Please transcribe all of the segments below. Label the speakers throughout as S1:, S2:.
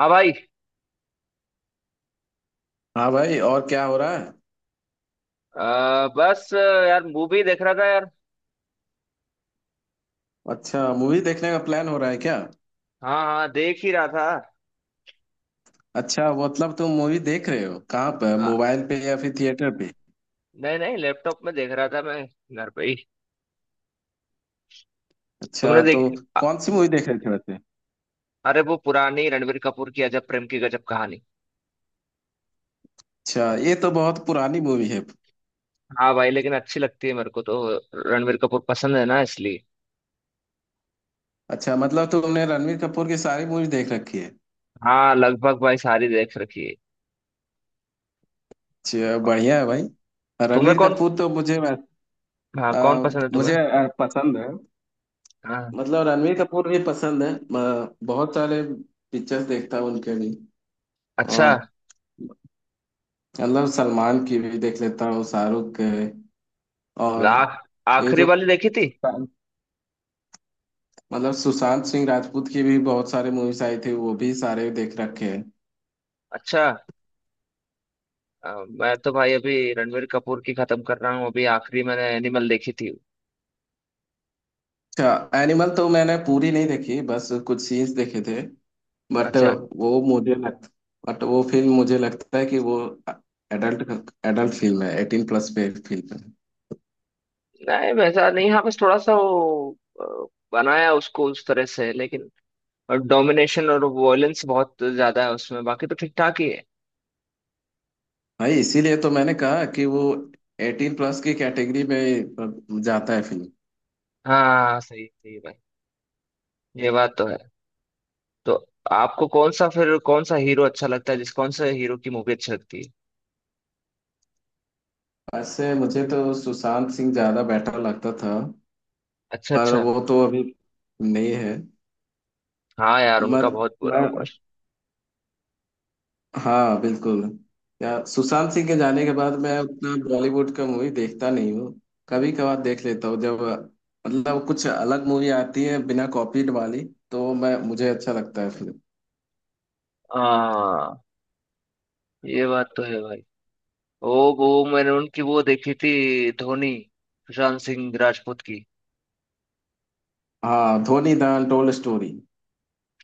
S1: हाँ भाई।
S2: हाँ भाई। और क्या हो रहा है?
S1: बस यार मूवी देख रहा था यार।
S2: अच्छा, मूवी देखने का प्लान हो रहा है क्या?
S1: हाँ हाँ देख ही रहा था।
S2: अच्छा, मतलब तुम मूवी देख रहे हो कहाँ पर,
S1: हाँ।
S2: मोबाइल पे या फिर थिएटर पे?
S1: नहीं नहीं लैपटॉप में देख रहा था मैं घर पे ही।
S2: अच्छा
S1: तुमने
S2: तो
S1: देख। अ-
S2: कौन सी मूवी देख रहे थे वैसे?
S1: अरे वो पुरानी रणवीर कपूर की अजब प्रेम की गजब कहानी।
S2: अच्छा, ये तो बहुत पुरानी मूवी है।
S1: हाँ भाई लेकिन अच्छी लगती है मेरे को तो। रणवीर कपूर पसंद है ना इसलिए।
S2: अच्छा, मतलब तुमने रणवीर कपूर की सारी मूवी देख रखी है?
S1: हाँ लगभग भाई सारी देख रखी है।
S2: अच्छा, बढ़िया है भाई।
S1: तुम्हें
S2: रणवीर
S1: कौन?
S2: कपूर तो
S1: हाँ
S2: आ,
S1: कौन पसंद है तुम्हें?
S2: मुझे पसंद है।
S1: हाँ।
S2: मतलब रणवीर कपूर भी पसंद है, बहुत सारे पिक्चर्स देखता हूँ उनके भी।
S1: अच्छा।
S2: और मतलब सलमान की भी देख लेता हूँ, शाहरुख के। और
S1: ला-
S2: ये
S1: आखिरी
S2: जो
S1: वाली देखी थी।
S2: मतलब सुशांत सिंह राजपूत की भी बहुत सारे मूवीज आई थी, वो भी सारे देख रखे हैं।
S1: अच्छा। मैं तो भाई अभी रणवीर कपूर की खत्म कर रहा हूँ। अभी आखिरी मैंने एनिमल देखी थी।
S2: अच्छा, एनिमल तो मैंने पूरी नहीं देखी, बस कुछ सीन्स देखे थे। बट
S1: अच्छा।
S2: वो मुझे लग बट वो फिल्म मुझे लगता है कि वो एडल्ट एडल्ट फिल्म है, 18+ पे फिल्म है।
S1: नहीं वैसा नहीं। हाँ बस थोड़ा सा वो बनाया उसको उस तरह से लेकिन। और डोमिनेशन और वॉयलेंस बहुत ज्यादा है उसमें। बाकी तो ठीक ठाक ही है।
S2: भाई, इसीलिए तो मैंने कहा कि वो 18+ की कैटेगरी में जाता है फिल्म।
S1: हाँ सही सही है भाई। ये बात तो है। तो आपको कौन सा फिर कौन सा हीरो अच्छा लगता है? जिस कौन सा हीरो की मूवी अच्छी लगती है?
S2: वैसे मुझे तो सुशांत सिंह ज्यादा बेटर लगता था।
S1: अच्छा
S2: पर
S1: अच्छा।
S2: वो तो अभी नहीं है।
S1: हाँ यार उनका
S2: मत
S1: बहुत बुरा हुआ।
S2: मैं हाँ, बिल्कुल। या सुशांत सिंह के जाने के बाद मैं उतना बॉलीवुड का मूवी देखता नहीं हूँ, कभी कभार देख लेता हूँ जब मतलब कुछ अलग मूवी आती है, बिना कॉपीड वाली तो मैं मुझे अच्छा लगता है फिल्म।
S1: हाँ ये बात तो है भाई। वो मैंने उनकी वो देखी थी धोनी। सुशांत सिंह राजपूत की।
S2: हाँ, धोनी द अनटोल्ड स्टोरी।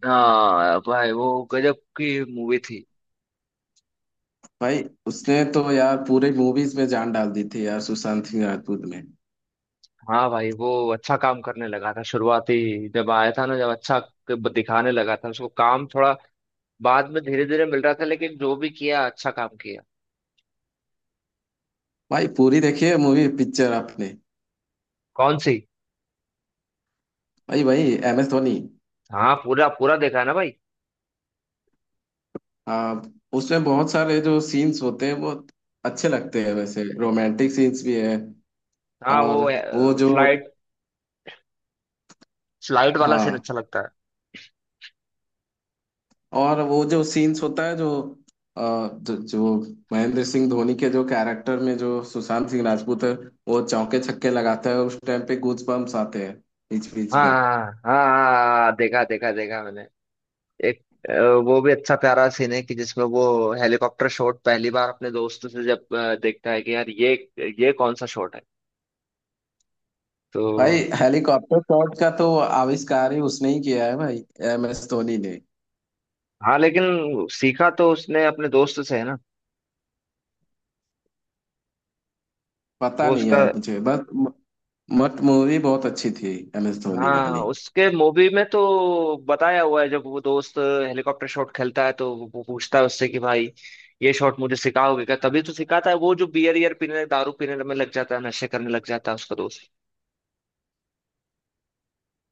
S1: हाँ भाई वो गजब की मूवी थी।
S2: भाई, उसने तो यार पूरे मूवीज में जान डाल दी थी यार, सुशांत सिंह राजपूत ने।
S1: हाँ भाई वो अच्छा काम करने लगा था शुरुआती। जब आया था ना जब अच्छा दिखाने लगा था उसको काम थोड़ा। बाद में धीरे धीरे मिल रहा था लेकिन जो भी किया अच्छा काम किया।
S2: भाई, पूरी देखिए मूवी पिक्चर आपने?
S1: कौन सी?
S2: भाई भाई, एम एस धोनी।
S1: हाँ पूरा पूरा देखा है ना भाई।
S2: आ, उसमें बहुत सारे जो सीन्स होते हैं वो अच्छे लगते हैं, वैसे रोमांटिक सीन्स भी है।
S1: हाँ
S2: और
S1: वो
S2: वो जो
S1: फ्लाइट फ्लाइट वाला सीन
S2: हाँ,
S1: अच्छा लगता है।
S2: और वो जो सीन्स होता है जो आ, जो, जो महेंद्र सिंह धोनी के जो कैरेक्टर में जो सुशांत सिंह राजपूत है, वो चौके छक्के लगाता है, उस टाइम पे गूज बम्प्स आते हैं बीच बीच
S1: हाँ
S2: में।
S1: हाँ हाँ। हाँ, देखा देखा देखा मैंने। एक अ, वो भी अच्छा प्यारा सीन है कि जिसमें वो हेलीकॉप्टर शॉट पहली बार अपने दोस्तों से जब देखता है कि यार ये कौन सा शॉट है तो।
S2: भाई, हेलीकॉप्टर शॉट का तो आविष्कार ही उसने ही किया है भाई, एम एस धोनी ने।
S1: हाँ लेकिन सीखा तो उसने अपने दोस्त से है ना।
S2: पता
S1: वो
S2: नहीं
S1: उसका।
S2: यार मुझे, बस म- मट मूवी बहुत अच्छी थी एम एस धोनी
S1: हाँ
S2: वाली।
S1: उसके मूवी में तो बताया हुआ है जब वो दोस्त हेलीकॉप्टर शॉट खेलता है तो वो पूछता है उससे कि भाई ये शॉट मुझे सिखाओगे क्या? तभी तो सिखाता है वो जो बियर ईयर पीने दारू पीने में लग जाता है नशे करने लग जाता है उसका दोस्त।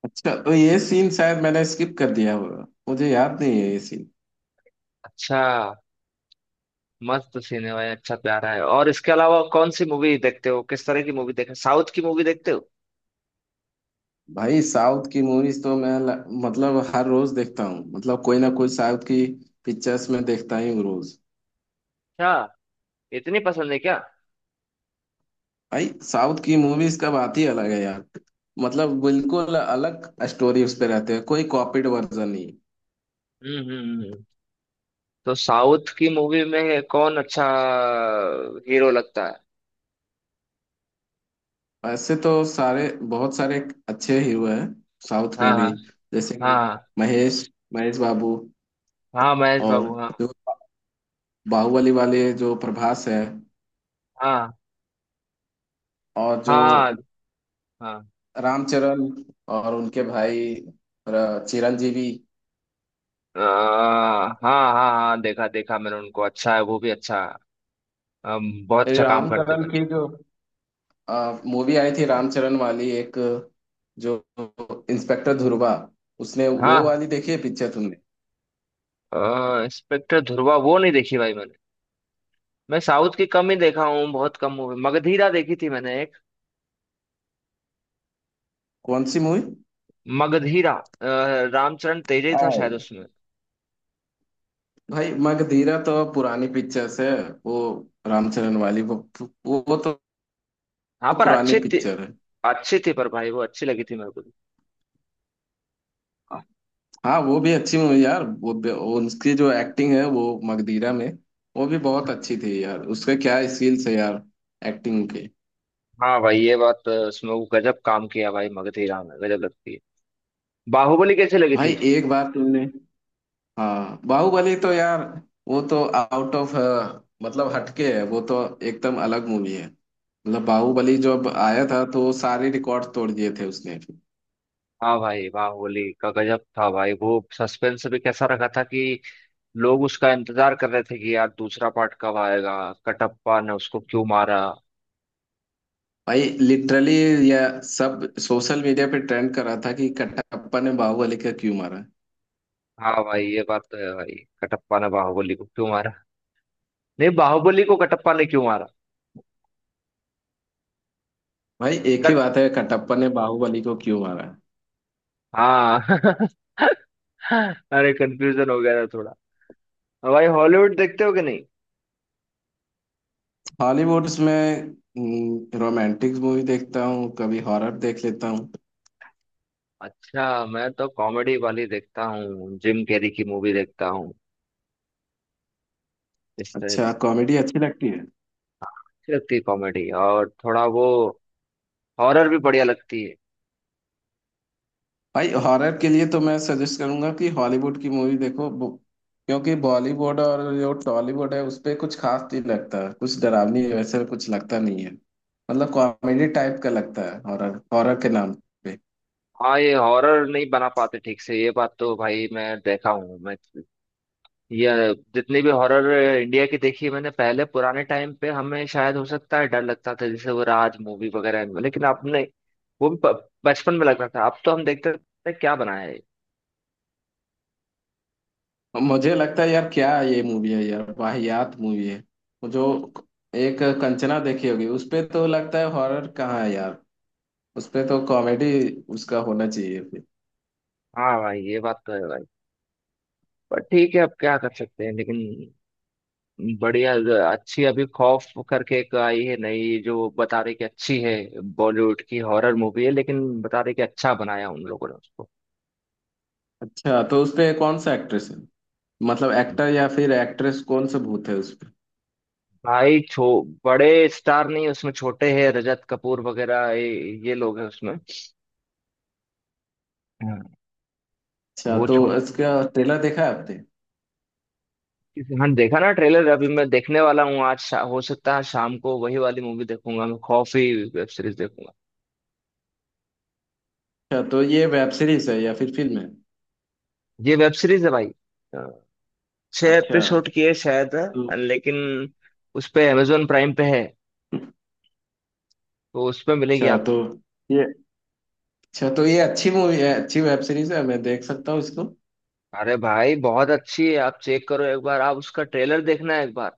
S2: अच्छा तो ये सीन शायद मैंने स्किप कर दिया होगा, मुझे याद नहीं है ये सीन।
S1: अच्छा। मस्त सीन है भाई। अच्छा प्यारा है। और इसके अलावा कौन सी मूवी देखते हो? किस तरह की मूवी देखते हो? साउथ की मूवी देखते हो?
S2: भाई, साउथ की मूवीज तो मैं मतलब हर रोज देखता हूँ, मतलब कोई ना कोई साउथ की पिक्चर्स में देखता ही हूँ रोज।
S1: अच्छा इतनी पसंद है क्या?
S2: भाई, साउथ की मूवीज का बात ही अलग है यार, मतलब बिल्कुल अलग स्टोरी उस पे रहते हैं, कोई कॉपीड वर्जन नहीं।
S1: हम्म हम्म हम्म। तो साउथ की मूवी में कौन अच्छा हीरो लगता है?
S2: ऐसे तो सारे बहुत सारे अच्छे हीरो हैं साउथ
S1: हाँ
S2: में
S1: हाँ
S2: भी। जैसे कि म-
S1: हाँ।
S2: महेश महेश बाबू।
S1: हाँ महेश
S2: और
S1: बाबू हाँ।
S2: जो बाहुबली वाले जो प्रभास है।
S1: हाँ
S2: और जो
S1: हाँ हाँ।
S2: रामचरण, और उनके भाई चिरंजीवी।
S1: हाँ हाँ हाँ देखा देखा मैंने उनको। अच्छा है वो भी अच्छा। बहुत
S2: ये
S1: अच्छा काम करते
S2: रामचरण
S1: भाई।
S2: की जो मूवी आई थी, रामचरण वाली एक, जो इंस्पेक्टर ध्रुवा, उसने वो
S1: हाँ
S2: वाली देखी है पिक्चर तुमने?
S1: इंस्पेक्टर ध्रुवा वो नहीं देखी भाई मैंने। मैं साउथ की कम ही देखा हूँ। बहुत कम मूवी। मगधीरा देखी थी मैंने एक।
S2: कौन सी
S1: मगधीरा रामचरण तेजे था
S2: मूवी?
S1: शायद उसमें।
S2: भाई, मगधीरा तो पुरानी पिक्चर्स है, वो रामचरण वाली वो वो तो
S1: हाँ पर
S2: पुरानी
S1: अच्छी थी।
S2: पिक्चर है।
S1: अच्छी थी पर भाई वो अच्छी लगी थी मेरे को।
S2: हाँ, वो भी अच्छी मूवी यार, वो उसकी जो एक्टिंग है वो मगधीरा में, वो भी बहुत अच्छी थी यार, उसके क्या स्किल्स है यार, एक्टिंग के।
S1: हाँ भाई ये बात इसमें वो गजब काम किया भाई मगध राम ने। गजब लगती है। बाहुबली कैसे लगी थी?
S2: भाई एक बार तुमने हाँ, बाहुबली तो यार, वो तो आउट ऑफ, मतलब हटके है वो तो, एकदम अलग मूवी है, मतलब बाहुबली जब आया था तो वो सारे रिकॉर्ड तोड़ दिए थे उसने।
S1: हाँ भाई बाहुबली का गजब था भाई। वो सस्पेंस भी कैसा रखा था कि लोग उसका इंतजार कर रहे थे कि यार दूसरा पार्ट कब आएगा? कटप्पा ने उसको क्यों मारा?
S2: भाई लिटरली यह सब सोशल मीडिया पे ट्रेंड कर रहा था कि कटप्पा ने बाहुबली को क्यों मारा है।
S1: हाँ भाई ये बात तो है भाई। कटप्पा ने बाहुबली को क्यों मारा? नहीं, बाहुबली को कटप्पा ने क्यों मारा?
S2: भाई, एक ही
S1: कट
S2: बात है, कटप्पा ने बाहुबली को क्यों मारा है।
S1: हाँ अरे कंफ्यूजन हो गया था थोड़ा। भाई हॉलीवुड देखते हो कि नहीं?
S2: हॉलीवुड्स में रोमांटिक मूवी देखता हूँ, कभी हॉरर देख लेता हूँ।
S1: अच्छा मैं तो कॉमेडी वाली देखता हूँ। जिम कैरी की मूवी देखता हूँ। इससे अच्छी
S2: अच्छा, कॉमेडी अच्छी लगती है।
S1: लगती है कॉमेडी। और थोड़ा वो हॉरर भी बढ़िया लगती है।
S2: भाई, हॉरर के लिए तो मैं सजेस्ट करूंगा कि हॉलीवुड की मूवी देखो, क्योंकि बॉलीवुड और जो टॉलीवुड है उस पे कुछ खास नहीं लगता, कुछ डरावनी वैसे कुछ लगता नहीं है। मतलब कॉमेडी टाइप का लगता है हॉरर, हॉरर के नाम पे।
S1: हाँ ये हॉरर नहीं बना पाते ठीक से। ये बात तो भाई मैं देखा हूँ मैं। ये जितनी भी हॉरर इंडिया की देखी है मैंने पहले पुराने टाइम पे हमें शायद हो सकता है डर लगता था जैसे वो राज मूवी वगैरह में। लेकिन आपने वो भी बचपन में लग रहा था। अब तो हम देखते थे क्या बनाया है।
S2: मुझे लगता है यार क्या ये मूवी है यार, वाहियात मूवी है। वो जो एक कंचना देखी होगी, उस पे तो लगता है हॉरर कहाँ है यार, उस पे तो कॉमेडी उसका होना चाहिए फिर।
S1: हाँ भाई ये बात तो है भाई। पर ठीक है अब क्या कर सकते हैं लेकिन। बढ़िया। अच्छी अभी खौफ करके एक आई है नई जो बता रही कि अच्छी है। बॉलीवुड की हॉरर मूवी है लेकिन बता रही कि अच्छा बनाया उन लोगों ने उसको।
S2: अच्छा तो उस पे कौन सा एक्ट्रेस है, मतलब एक्टर या फिर एक्ट्रेस, कौन सा भूत है उस पे?
S1: भाई छो बड़े स्टार नहीं उसमें छोटे हैं रजत कपूर वगैरह ये लोग हैं उसमें। हाँ,
S2: अच्छा
S1: वो
S2: तो
S1: छोड़।
S2: इसका ट्रेलर देखा है आपने?
S1: हाँ देखा ना ट्रेलर। अभी मैं देखने वाला हूँ आज। हो सकता है शाम को वही वाली मूवी देखूंगा। मैं खौफ ही वेब सीरीज देखूंगा।
S2: अच्छा तो ये वेब सीरीज है या फिर फिल्म है?
S1: ये वेब सीरीज है भाई। अ, छह
S2: अच्छा
S1: एपिसोड की है शायद।
S2: तो
S1: लेकिन उस पे अमेजोन प्राइम पे है तो उसमें मिलेगी
S2: अच्छा तो
S1: आपको।
S2: ये अच्छा तो ये अच्छी मूवी है, अच्छी वेब सीरीज है, मैं देख सकता हूँ इसको?
S1: अरे भाई बहुत अच्छी है। आप चेक करो एक बार। आप उसका ट्रेलर देखना एक बार।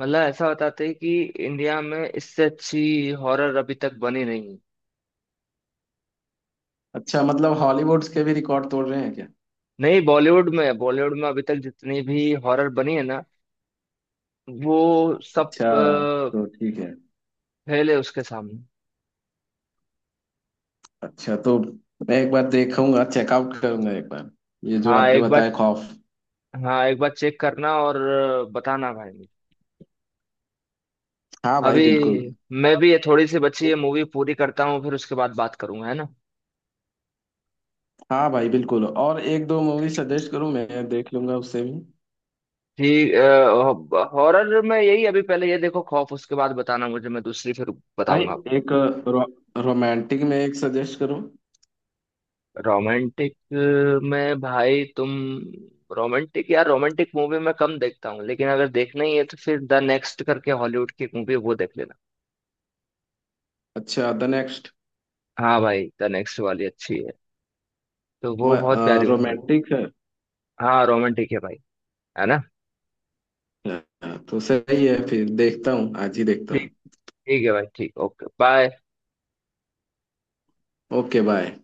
S1: मतलब ऐसा बताते हैं कि इंडिया में इससे अच्छी हॉरर अभी तक बनी नहीं।
S2: अच्छा, मतलब हॉलीवुड के भी रिकॉर्ड तोड़ रहे हैं क्या?
S1: नहीं बॉलीवुड में बॉलीवुड में अभी तक जितनी भी हॉरर बनी है ना वो सब
S2: अच्छा तो ठीक है।
S1: फेल है उसके सामने।
S2: अच्छा तो मैं एक बार देखूंगा, चेकआउट करूंगा एक बार, ये जो
S1: हाँ
S2: आपने
S1: एक
S2: बताया
S1: बार।
S2: खौफ।
S1: हाँ एक बार चेक करना और बताना भाई मुझे।
S2: हाँ भाई
S1: अभी
S2: बिल्कुल।
S1: मैं
S2: और
S1: भी ये
S2: भी-
S1: थोड़ी सी बची है
S2: एक-
S1: मूवी पूरी करता हूँ फिर उसके बाद बात करूंगा है ना।
S2: हाँ भाई बिल्कुल, और एक दो मूवी सजेस्ट करूँ मैं देख लूंगा उससे भी।
S1: ठीक। हॉरर में यही अभी पहले ये देखो खौफ। उसके बाद बताना मुझे। मैं दूसरी फिर
S2: भाई,
S1: बताऊंगा आपको।
S2: एक रो, रोमांटिक में एक सजेस्ट करूँ?
S1: रोमांटिक में भाई तुम। रोमांटिक यार रोमांटिक मूवी मैं कम देखता हूँ। लेकिन अगर देखना ही है तो फिर द नेक्स्ट करके हॉलीवुड की मूवी है, वो देख लेना।
S2: अच्छा, द नेक्स्ट।
S1: हाँ भाई द नेक्स्ट वाली अच्छी है। तो वो बहुत प्यारी मूवी है।
S2: रोमांटिक है?
S1: हाँ रोमांटिक है भाई। है ना।
S2: हाँ, तो सही है, फिर देखता हूँ आज ही देखता
S1: ठीक।
S2: हूँ।
S1: ठीक है भाई। ठीक ओके बाय।
S2: Okay bye.